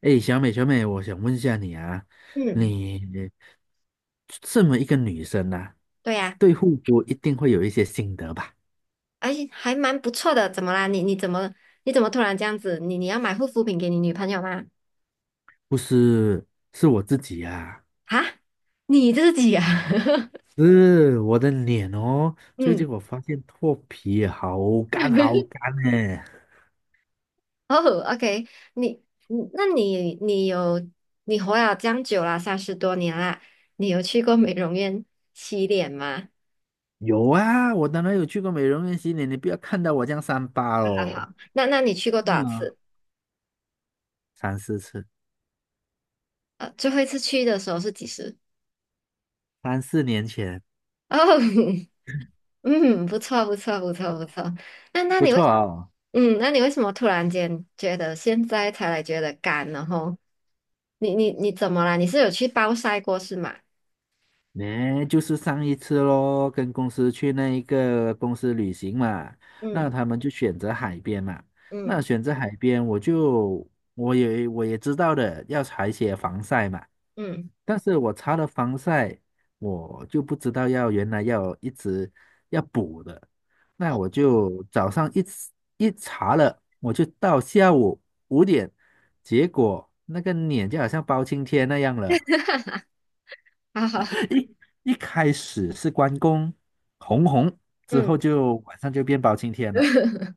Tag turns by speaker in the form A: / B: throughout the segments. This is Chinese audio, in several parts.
A: 哎，小美，小美，我想问一下你啊，
B: 嗯，
A: 你这么一个女生啊，
B: 对呀、
A: 对护肤一定会有一些心得吧？
B: 而且还蛮不错的。怎么啦？你怎么突然这样子？你要买护肤品给你女朋友吗？
A: 不是，是我自己啊，
B: 啊，你自己啊？
A: 是我的脸哦。最近
B: 嗯，
A: 我发现脱皮好干好干呢。
B: 哦，OK，你你那你你有你活了这样久了，三十多年啦，你有去过美容院洗脸吗？
A: 有啊，我当然有去过美容院洗脸，你不要看到我这样三八
B: 好好
A: 哦。
B: 好，那你去过多
A: 嗯
B: 少
A: 啊，
B: 次？
A: 三四次，
B: 最后一次去的时候是几时？
A: 三四年前，
B: 哦，嗯，不错，不错，不错，不错。那那
A: 不
B: 你
A: 错
B: 为，
A: 哦。
B: 那你为什么突然间觉得现在才来觉得干？然后你怎么啦？你是有去暴晒过是吗？
A: 呢，就是上一次咯，跟公司去那一个公司旅行嘛，那
B: 嗯
A: 他们就选择海边嘛。那
B: 嗯
A: 选择海边，我也知道的，要擦一些防晒嘛。
B: 嗯，
A: 但是我擦了防晒，我就不知道要原来要一直要补的。那
B: 哦，
A: 我就早上一查了，我就到下午5点，结果那个脸就好像包青天那样了。
B: 好好，好
A: 一一开始是关公红红，之后
B: 嗯，
A: 就晚上就变包青天了。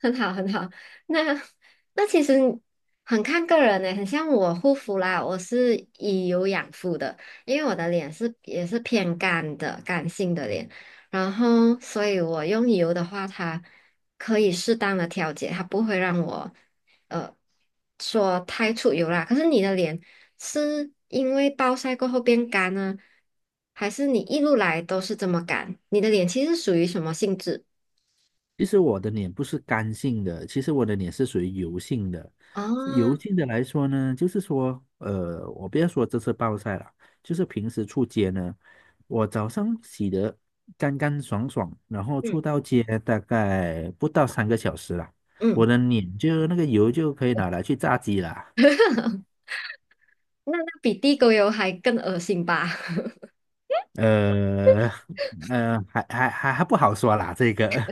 B: 很好，很好。那那其实很看个人呢，很像我护肤啦，我是以油养肤的，因为我的脸是也是偏干的，干性的脸，然后所以我用油的话，它可以适当的调节，它不会让我呃说太出油啦。可是你的脸是因为暴晒过后变干呢，还是你一路来都是这么干？你的脸其实属于什么性质？
A: 其实我的脸不是干性的，其实我的脸是属于油性的。油
B: 哦，
A: 性的来说呢，就是说，我不要说这次暴晒了，就是平时出街呢，我早上洗得干干爽爽，然后出
B: 嗯
A: 到街大概不到3个小时了，我
B: 嗯。
A: 的脸就那个油就可以拿来去炸鸡了。
B: 那比地沟油还更恶心吧？
A: 呃还不好说啦，这个，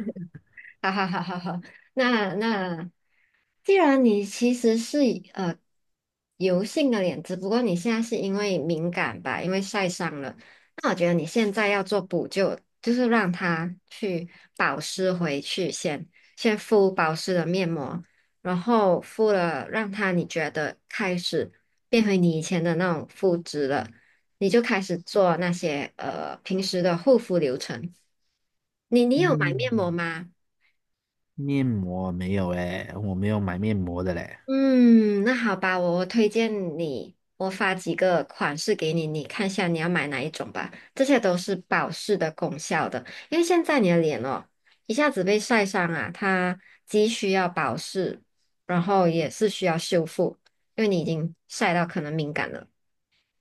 B: 哈哈哈哈哈。那那，既然你其实是以油性的脸，只不过你现在是因为敏感吧，因为晒伤了，那我觉得你现在要做补救，就是让它去保湿回去先，先敷保湿的面膜，然后敷了让它你觉得开始变回你以前的那种肤质了，你就开始做那些平时的护肤流程。你有买面膜
A: 嗯，
B: 吗？
A: 面膜没有诶，我没有买面膜的嘞。
B: 嗯，那好吧，我推荐你，我发几个款式给你，你看一下你要买哪一种吧。这些都是保湿的功效的，因为现在你的脸哦，一下子被晒伤啊，它既需要保湿，然后也是需要修复，因为你已经晒到可能敏感了。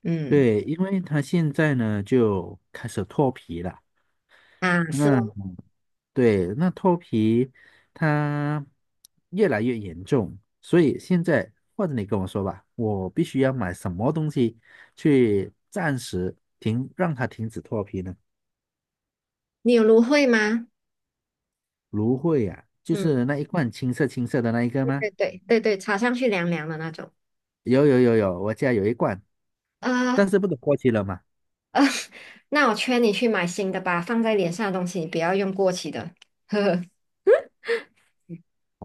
B: 嗯，
A: 对，因为它现在呢就开始脱皮了，
B: 啊，是
A: 那
B: 咯，
A: 对，那脱皮它越来越严重，所以现在或者你跟我说吧，我必须要买什么东西去暂时停，让它停止脱皮呢？
B: 你有芦荟吗？
A: 芦荟啊，就
B: 嗯，
A: 是那一罐青色青色的那一个
B: 对
A: 吗？
B: 对对对对，擦上去凉凉的那种。
A: 有有有有，我家有一罐，但
B: 呃
A: 是不能过期了嘛？
B: 呃，那我劝你去买新的吧，放在脸上的东西你不要用过期的。呵呵。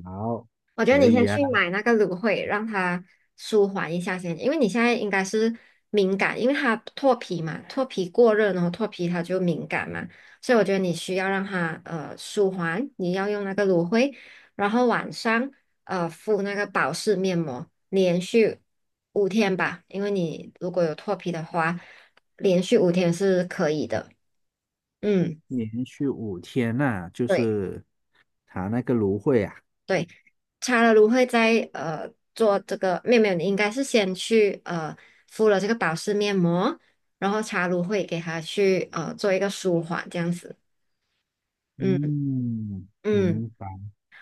A: 好，
B: 我觉得
A: 可
B: 你
A: 以
B: 先
A: 呀、
B: 去买那个芦荟，让它舒缓一下先，因为你现在应该是敏感，因为它脱皮嘛，脱皮过热，然后脱皮它就敏感嘛，所以我觉得你需要让它舒缓，你要用那个芦荟，然后晚上敷那个保湿面膜，连续五天吧，因为你如果有脱皮的话，连续五天是可以的，嗯。
A: 连续5天呐、就
B: 对。
A: 是它那个芦荟啊。
B: 对，擦了芦荟在做这个，没有没有，你应该是先去敷了这个保湿面膜，然后擦芦荟给它去做一个舒缓这样子，嗯
A: 嗯，
B: 嗯，
A: 明白。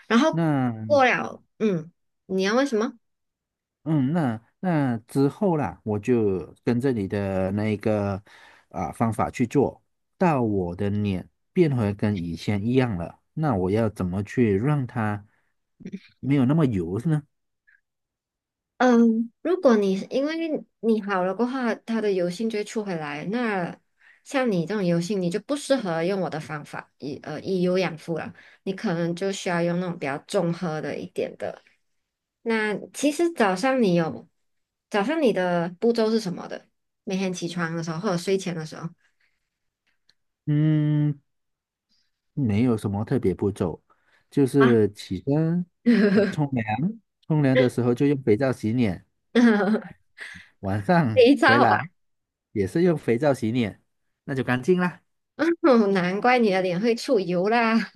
B: 然后
A: 那
B: 过了，嗯，你要问什么？
A: 嗯，那那之后啦，我就跟着你的那个啊、方法去做，到我的脸变回跟以前一样了。那我要怎么去让它没有那么油呢？
B: 嗯，如果你因为你好了过后，它的油性就会出回来。那像你这种油性，你就不适合用我的方法，以以油养肤了。你可能就需要用那种比较综合的一点的。那其实早上你的步骤是什么的？每天起床的时候或者睡前的时候
A: 嗯，没有什么特别步骤，就
B: 啊，
A: 是起身、冲凉，冲凉的时候就用肥皂洗脸，晚上
B: 肥
A: 回
B: 皂
A: 来
B: 啊，
A: 也是用肥皂洗脸，那就干净啦。
B: 难怪你的脸会出油啦。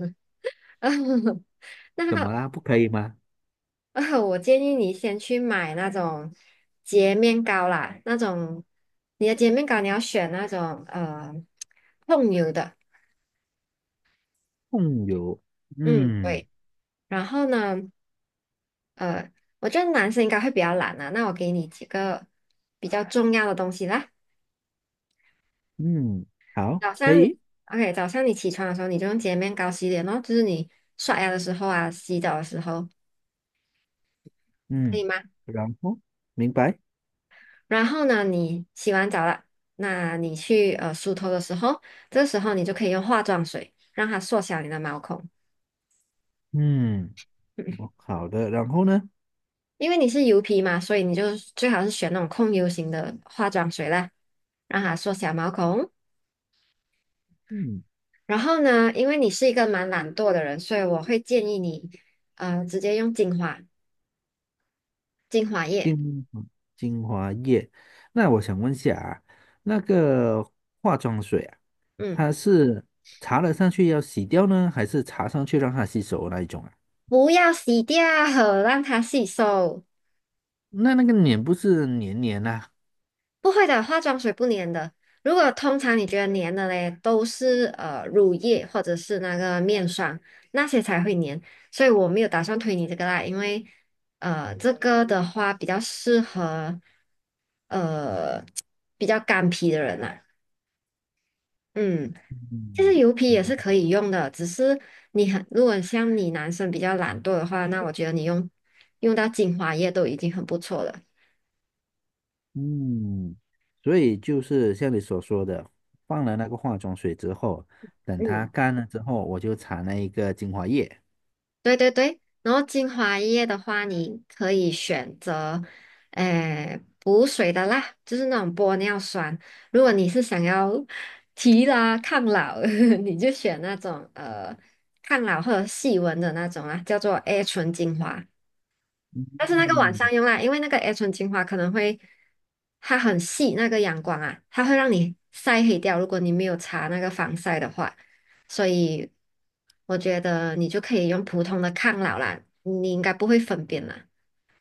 A: 怎么
B: 那
A: 啦？不可以吗？
B: 我建议你先去买那种洁面膏啦，你的洁面膏你要选那种控油的，
A: 控油，
B: 嗯
A: 嗯
B: 对。然后呢，呃，我觉得男生应该会比较懒啊，那我给你几个比较重要的东西啦。
A: 嗯，好，
B: 早
A: 可
B: 上你
A: 以，
B: OK，早上你起床的时候你就用洁面膏洗脸咯，就是你刷牙的时候啊，洗澡的时候，可
A: 嗯，
B: 以吗？
A: 然后明白，
B: 然后呢，你洗完澡了，那你去梳头的时候，这时候你就可以用化妆水让它缩小你的毛孔。
A: 嗯，哦
B: 嗯
A: 好的，然后呢？
B: 因为你是油皮嘛，所以你就最好是选那种控油型的化妆水啦，让它缩小毛孔。
A: 嗯，
B: 然后呢，因为你是一个蛮懒惰的人，所以我会建议你，直接用精华液，
A: 精精华液，那我想问一下啊，那个化妆水啊。
B: 嗯，
A: 它是擦了上去要洗掉呢，还是擦上去让它吸收那一种啊？
B: 不要洗掉，让它吸收。
A: 那个脸不是黏黏呐、
B: 不会的，化妆水不粘的。如果通常你觉得粘的嘞，都是乳液或者是那个面霜那些才会粘，所以我没有打算推你这个啦，因为这个的话比较适合呃比较干皮的人啦。嗯，其实
A: 嗯
B: 油皮也是可
A: 嗯
B: 以用的，只是你很如果像你男生比较懒惰的话，那我觉得你用到精华液都已经很不错了。
A: 嗯，所以就是像你所说的，放了那个化妆水之后，等它
B: 嗯。
A: 干了之后，我就擦那一个精华液。
B: 对对对，然后精华液的话，你可以选择，诶、补水的啦，就是那种玻尿酸。如果你是想要 提拉抗老，你就选那种抗老或者细纹的那种啦，叫做 A 醇精华。但是那个晚
A: 嗯，
B: 上用啦，因为那个 A 醇精华可能会，它很细，那个阳光啊，它会让你晒黑掉。如果你没有擦那个防晒的话，所以我觉得你就可以用普通的抗老啦，你应该不会分辨啦。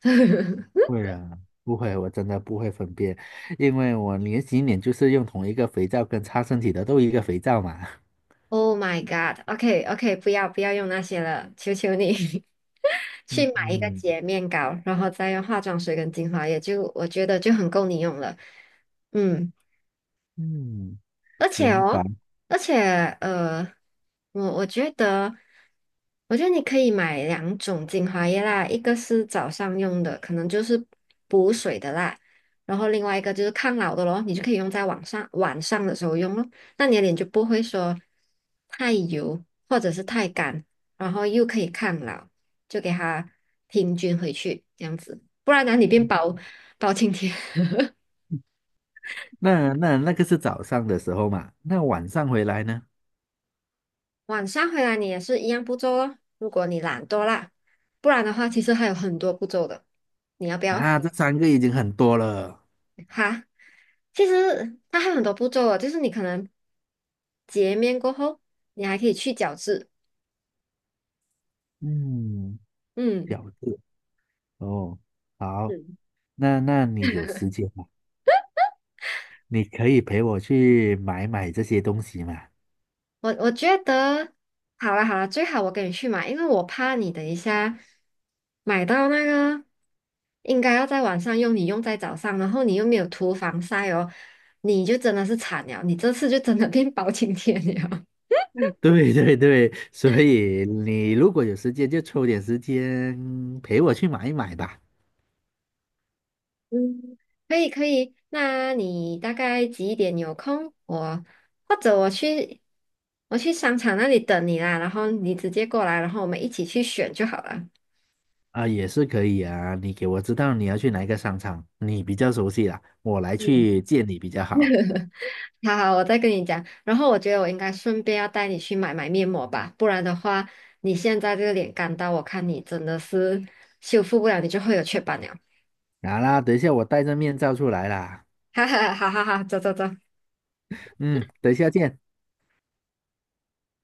A: 不会啊，不会，我真的不会分辨，因为我连洗脸就是用同一个肥皂跟擦身体的都一个肥皂嘛。
B: Oh my god！OK OK，OK，不要用那些了，求求你 去
A: 嗯
B: 买一个
A: 嗯
B: 洁面膏，然后再用化妆水跟精华液，就我觉得就很够你用了。嗯。
A: 嗯，
B: 而且
A: 明白。
B: 哦，而且呃，我觉得，我觉得你可以买两种精华液啦，一个是早上用的，可能就是补水的啦，然后另外一个就是抗老的咯，你就可以用在晚上的时候用咯，那你的脸就不会说太油或者是太干，然后又可以抗老，就给它平均回去这样子，不然哪里变包青天。
A: 那个是早上的时候嘛，那晚上回来呢？
B: 晚上回来你也是一样步骤咯，如果你懒惰啦，不然的话其实还有很多步骤的，你要不要？
A: 啊，这三个已经很多了。
B: 哈，其实它还有很多步骤哦，就是你可能洁面过后，你还可以去角质。
A: 嗯，
B: 嗯
A: 饺子哦，好，
B: 是。
A: 那你有时间吗？你可以陪我去买买这些东西嘛？
B: 我觉得好了好了，最好我跟你去买，因为我怕你等一下买到那个应该要在晚上用，你用在早上，然后你又没有涂防晒哦，你就真的是惨了，你这次就真的变 包青天了。
A: 对对对，所以你如果有时间，就抽点时间陪我去买一买吧。
B: 嗯，可以可以，那你大概几点有空？或者我去商场那里等你啦，然后你直接过来，然后我们一起去选就好了。
A: 啊，也是可以啊，你给我知道你要去哪一个商场，你比较熟悉啦，我来
B: 嗯，
A: 去见你比较好。
B: 好好，我再跟你讲。然后我觉得我应该顺便要带你去买买面膜吧，不然的话，你现在这个脸干到，我看你真的是修复不了，你就会有雀斑了。
A: 好啦，等一下我戴着面罩出来啦。
B: 哈哈，好好好，走走走。
A: 嗯，等一下见。